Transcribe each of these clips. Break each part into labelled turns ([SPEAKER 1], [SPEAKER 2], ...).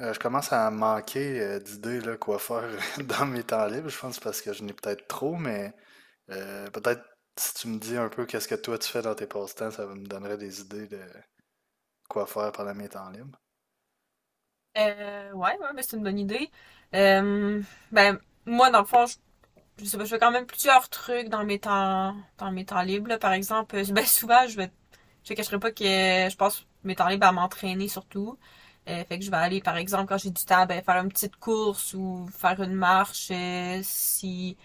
[SPEAKER 1] Je commence à manquer d'idées là, quoi faire dans mes temps libres. Je pense parce que je n'ai peut-être trop, mais peut-être si tu me dis un peu qu'est-ce que toi tu fais dans tes passe-temps, ça me donnerait des idées de quoi faire pendant mes temps libres.
[SPEAKER 2] Ouais, ouais, mais c'est une bonne idée. Euh, ben, moi, dans le fond, je sais pas, je fais quand même plusieurs trucs dans mes dans mes temps libres, là. Par exemple, ben, souvent, je te cacherai pas que je passe mes temps libres à m'entraîner surtout. Fait que je vais aller, par exemple, quand j'ai du temps, ben, faire une petite course ou faire une marche,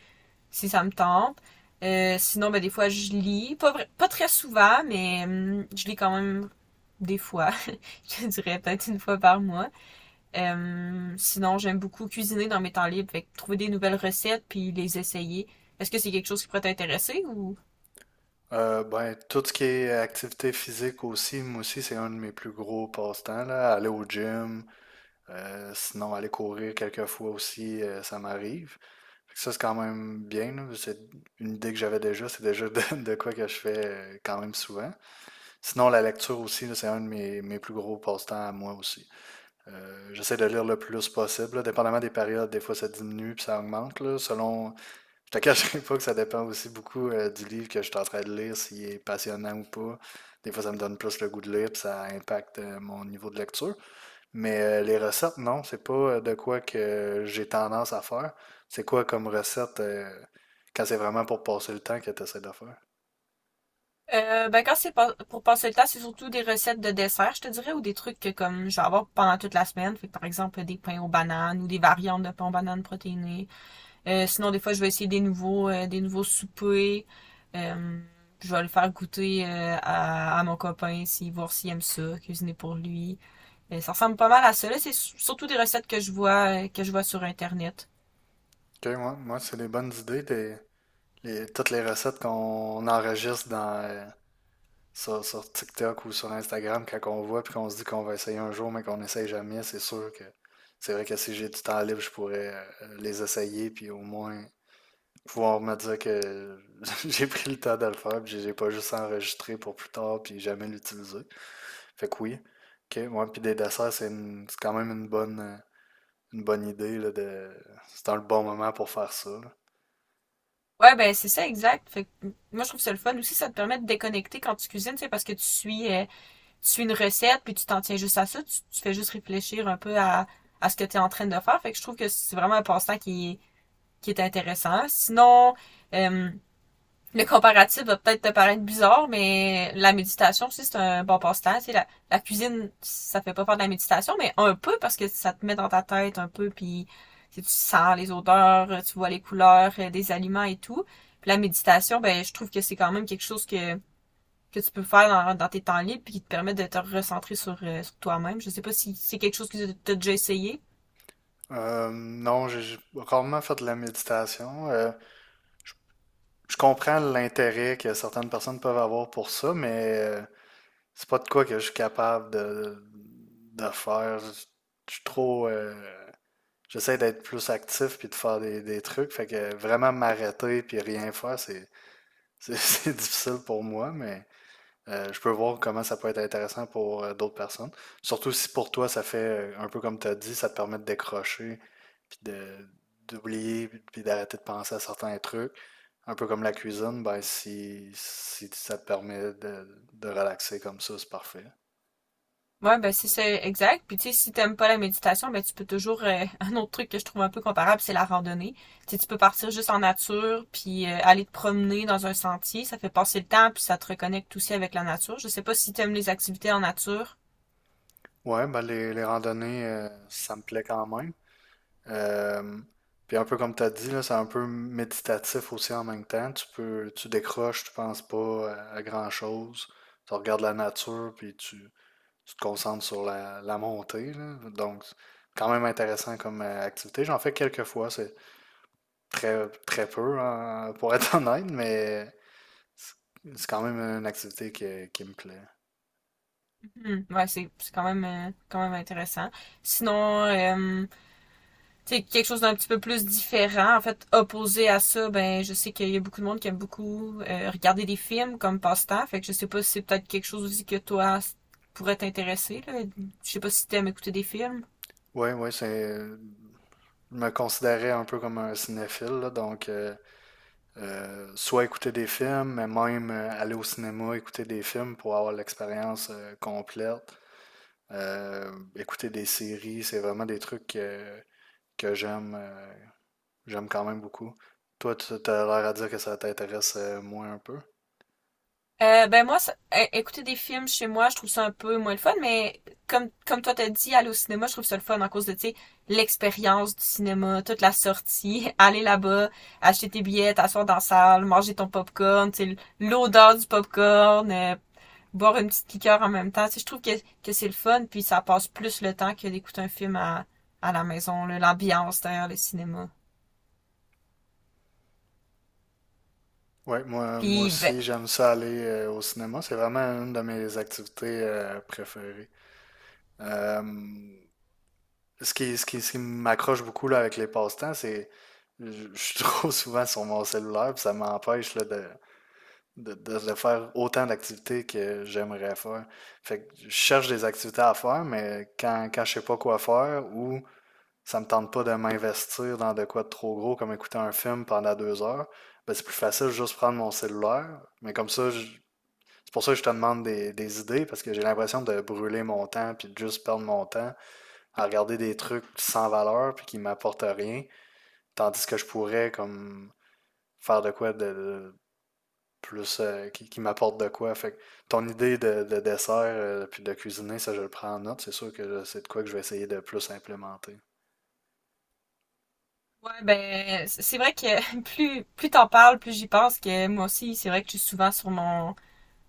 [SPEAKER 2] si ça me tente. Sinon, ben, des fois, je lis. Pas très souvent, mais je lis quand même des fois. Je dirais peut-être une fois par mois. Sinon, j'aime beaucoup cuisiner dans mes temps libres, fait que trouver des nouvelles recettes puis les essayer. Est-ce que c'est quelque chose qui pourrait t'intéresser ou
[SPEAKER 1] Tout ce qui est activité physique aussi, moi aussi, c'est un de mes plus gros passe-temps, là. Aller au gym, sinon aller courir quelques fois aussi, ça m'arrive. Fait que ça, c'est quand même bien, là. C'est une idée que j'avais déjà, c'est déjà de, de quoi que je fais quand même souvent. Sinon, la lecture aussi, là, c'est un de mes plus gros passe-temps à moi aussi. J'essaie de lire le plus possible, là. Dépendamment des périodes, des fois ça diminue puis ça augmente. Là, selon... Je te cacherai pas que ça dépend aussi beaucoup du livre que je suis en train de lire, s'il est passionnant ou pas. Des fois, ça me donne plus le goût de lire, puis ça impacte mon niveau de lecture. Mais les recettes, non, c'est pas de quoi que j'ai tendance à faire. C'est quoi comme recette quand c'est vraiment pour passer le temps que tu essaies de faire?
[SPEAKER 2] ben quand c'est pas- pour passer le temps, c'est surtout des recettes de dessert, je te dirais, ou des trucs que comme je vais avoir pendant toute la semaine. Fait que, par exemple, des pains aux bananes ou des variantes de pains aux bananes protéinées. Sinon, des fois, je vais essayer des des nouveaux soupers. Euh, je vais le faire goûter à mon copain, si voir s'il aime ça, cuisiner pour lui. Mais ça ressemble pas mal à ça. Là, c'est surtout des recettes que je vois sur Internet.
[SPEAKER 1] Ok, moi, c'est des bonnes idées. Toutes les recettes qu'on enregistre sur, sur TikTok ou sur Instagram, quand on voit puis qu'on se dit qu'on va essayer un jour, mais qu'on n'essaye jamais, c'est sûr que c'est vrai que si j'ai du temps libre, je pourrais les essayer puis au moins pouvoir me dire que j'ai pris le temps de le faire puis j'ai pas juste enregistré pour plus tard puis jamais l'utiliser. Fait que oui. Ok, ouais, puis des desserts, c'est quand même une bonne idée là, de, c'est dans le bon moment pour faire ça.
[SPEAKER 2] Ouais, ben c'est ça, exact. Fait que, moi je trouve ça le fun aussi, ça te permet de déconnecter quand tu cuisines, c'est parce que tu suis une recette puis tu t'en tiens juste à ça, tu fais juste réfléchir un peu à ce que tu es en train de faire. Fait que je trouve que c'est vraiment un passe-temps qui est intéressant. Sinon, euh, le comparatif va peut-être te paraître bizarre, mais la méditation aussi, c'est un bon passe-temps. Tu sais, la cuisine, ça fait pas faire de la méditation, mais un peu parce que ça te met dans ta tête un peu, puis tu sens les odeurs, tu vois les couleurs des aliments et tout. Puis la méditation, ben je trouve que c'est quand même quelque chose que tu peux faire dans tes temps libres, puis qui te permet de te recentrer sur toi-même. Je sais pas si c'est quelque chose que tu as déjà essayé.
[SPEAKER 1] Non, j'ai rarement fait de la méditation. Je comprends l'intérêt que certaines personnes peuvent avoir pour ça, mais c'est pas de quoi que je suis capable de faire. Je suis trop. J'essaie d'être plus actif puis de faire des trucs. Fait que vraiment m'arrêter puis rien faire, c'est difficile pour moi, mais je peux voir comment ça peut être intéressant pour d'autres personnes. Surtout si pour toi, ça fait un peu comme tu as dit, ça te permet de décrocher, puis de d'oublier, puis d'arrêter de penser à certains trucs. Un peu comme la cuisine, ben si, si ça te permet de relaxer comme ça, c'est parfait.
[SPEAKER 2] Ouais, ben c'est ça, exact. Puis tu sais, si t'aimes pas la méditation, ben tu peux toujours un autre truc que je trouve un peu comparable, c'est la randonnée. Tu sais, tu peux partir juste en nature, puis aller te promener dans un sentier, ça fait passer le temps, puis ça te reconnecte aussi avec la nature. Je sais pas si t'aimes les activités en nature.
[SPEAKER 1] Ouais, ben les randonnées, ça me plaît quand même. Euh, puis un peu comme tu as dit, là, c'est un peu méditatif aussi en même temps. Tu peux, tu décroches, tu penses pas à, à grand-chose. Tu regardes la nature, puis tu te concentres sur la, la montée, là. Donc, c'est quand même intéressant comme activité. J'en fais quelques fois, c'est très, très peu, hein, pour être honnête, mais c'est c'est quand même une activité qui me plaît.
[SPEAKER 2] Mhm. Ouais, c'est quand même intéressant. Sinon, sais, quelque chose d'un petit peu plus différent. En fait, opposé à ça, ben je sais qu'il y a beaucoup de monde qui aime beaucoup regarder des films comme passe-temps. Fait que je sais pas si c'est peut-être quelque chose aussi que toi pourrait t'intéresser, là. Je sais pas si t'aimes écouter des films.
[SPEAKER 1] Oui, oui, c'est, je me considérais un peu comme un cinéphile, là, donc soit écouter des films, mais même aller au cinéma, écouter des films pour avoir l'expérience complète. Écouter des séries, c'est vraiment des trucs que j'aime j'aime quand même beaucoup. Toi, tu as l'air à dire que ça t'intéresse moins un peu.
[SPEAKER 2] Ben moi, écouter des films chez moi, je trouve ça un peu moins le fun, mais comme toi t'as dit, aller au cinéma, je trouve ça le fun en cause de, tu sais, l'expérience du cinéma, toute la sortie, aller là-bas, acheter tes billets, t'asseoir dans la salle, manger ton popcorn, tu sais, l'odeur du popcorn, boire une petite liqueur en même temps. Tu sais, je trouve que c'est le fun, puis ça passe plus le temps que d'écouter un film à la maison, là, l'ambiance derrière le cinéma.
[SPEAKER 1] Ouais, moi
[SPEAKER 2] Puis, ben,
[SPEAKER 1] aussi, j'aime ça aller au cinéma. C'est vraiment une de mes activités préférées. Euh, Ce qui, ce qui m'accroche beaucoup là, avec les passe-temps, c'est je suis trop souvent sur mon cellulaire, puis ça m'empêche là, de faire autant d'activités que j'aimerais faire. Fait que je cherche des activités à faire, mais quand je sais pas quoi faire ou ça me tente pas de m'investir dans de quoi de trop gros, comme écouter un film pendant 2 heures, ben c'est plus facile de juste prendre mon cellulaire. C'est pour ça que je te demande des idées, parce que j'ai l'impression de brûler mon temps puis de juste perdre mon temps à regarder des trucs sans valeur puis qui m'apportent rien, tandis que je pourrais comme faire de quoi de plus qui m'apporte de quoi. Fait que ton idée de dessert puis de cuisiner, ça je le prends en note. C'est sûr que là, c'est de quoi que je vais essayer de plus implémenter.
[SPEAKER 2] ouais, ben, c'est vrai que plus t'en parles, plus j'y pense que moi aussi, c'est vrai que je suis souvent sur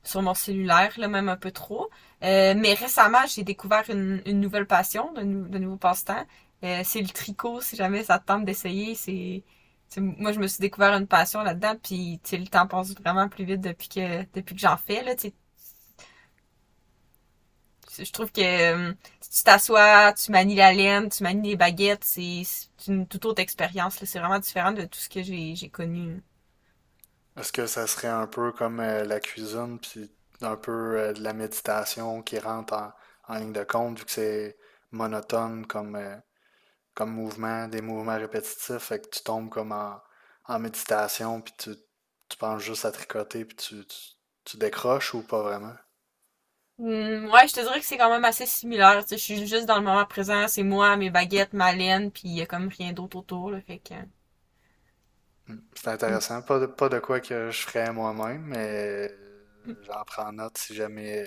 [SPEAKER 2] sur mon cellulaire, là, même un peu trop. Mais récemment, j'ai découvert une nouvelle passion, de nouveaux passe-temps. C'est le tricot, si jamais ça te tente d'essayer. C'est, moi, je me suis découvert une passion là-dedans, puis tu sais, le temps passe vraiment plus vite depuis que j'en fais. Là, tu je trouve que euh, si tu t'assois, tu manies la laine, tu manies les baguettes, c'est une toute autre expérience, là. C'est vraiment différent de tout ce que j'ai connu.
[SPEAKER 1] Est-ce que ça serait un peu comme la cuisine puis un peu de la méditation qui rentre en, en ligne de compte vu que c'est monotone comme comme mouvement, des mouvements répétitifs, fait que tu tombes comme en, en méditation, puis tu penses juste à tricoter, puis tu décroches ou pas vraiment.
[SPEAKER 2] Hmm, ouais, je te dirais que c'est quand même assez similaire. Tu sais, je suis juste dans le moment présent, c'est moi, mes baguettes, ma laine, puis il y a comme rien d'autre autour, là, fait que...
[SPEAKER 1] C'est
[SPEAKER 2] Hmm,
[SPEAKER 1] intéressant, pas de, pas de quoi que je ferais moi-même, mais
[SPEAKER 2] hmm.
[SPEAKER 1] j'en prends note si jamais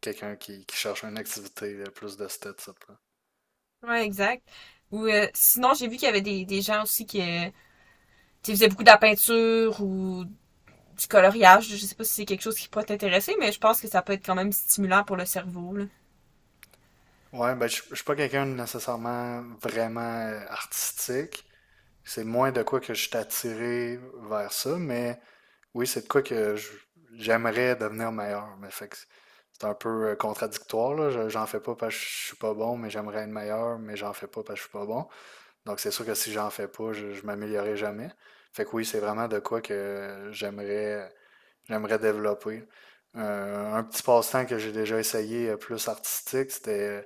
[SPEAKER 1] quelqu'un qui cherche une activité plus de ce type.
[SPEAKER 2] Ouais, exact. Ou sinon, j'ai vu qu'il y avait des gens aussi qui tu sais, faisaient beaucoup de la peinture ou du coloriage. Je sais pas si c'est quelque chose qui pourrait t'intéresser, mais je pense que ça peut être quand même stimulant pour le cerveau, là.
[SPEAKER 1] Ouais, ben, je suis pas quelqu'un de nécessairement vraiment artistique. C'est moins de quoi que je suis attiré vers ça, mais oui, c'est de quoi que je- j'aimerais devenir meilleur. Mais fait que c'est un peu contradictoire, là. J'en fais pas parce que je suis pas bon, mais j'aimerais être meilleur, mais j'en fais pas parce que je suis pas bon. Donc c'est sûr que si j'en fais pas, je m'améliorerai jamais. Fait que oui, c'est vraiment de quoi que j'aimerais J'aimerais développer. Un petit passe-temps que j'ai déjà essayé plus artistique, c'était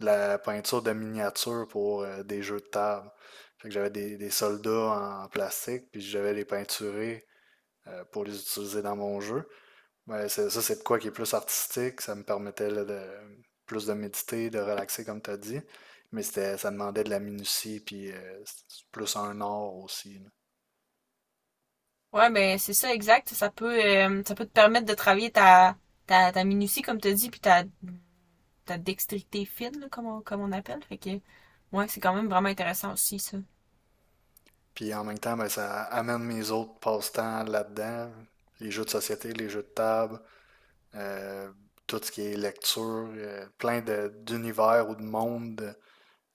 [SPEAKER 1] de la peinture de miniatures pour des jeux de table. Fait que j'avais des soldats en plastique, puis j'avais les peinturés pour les utiliser dans mon jeu. Ça, c'est de quoi qui est plus artistique. Ça me permettait là, de, plus de méditer, de relaxer, comme tu as dit. Ça demandait de la minutie, puis c'est plus un art aussi, là.
[SPEAKER 2] Ouais, ben c'est ça, exact. Ça peut te permettre de travailler ta minutie, comme tu dis, puis ta dextérité fine, là, comme, comme on appelle. Fait que, ouais, c'est quand même vraiment intéressant aussi, ça.
[SPEAKER 1] Puis en même temps, ben, ça amène mes autres passe-temps là-dedans. Les jeux de société, les jeux de table, euh, tout ce qui est lecture, d'univers ou de mondes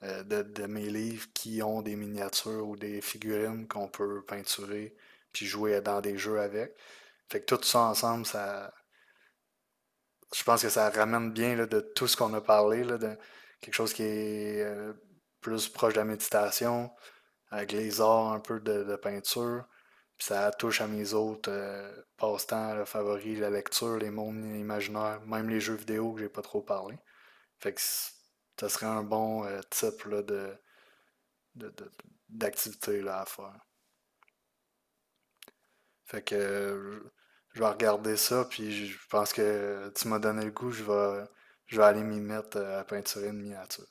[SPEAKER 1] de mes livres qui ont des miniatures ou des figurines qu'on peut peinturer puis jouer dans des jeux avec. Fait que tout ça ensemble, ça, je pense que ça ramène bien là, de tout ce qu'on a parlé, là, de quelque chose qui est plus proche de la méditation, avec les arts un peu de peinture. Puis ça touche à mes autres passe-temps là, favoris, la lecture, les mondes imaginaires, même les jeux vidéo que j'ai pas trop parlé. Fait que ça serait un bon type là, de, de- de- d'activité là, à faire. Fait que je vais regarder ça, puis je pense que tu m'as donné le goût, je vais aller m'y mettre à peinturer une miniature.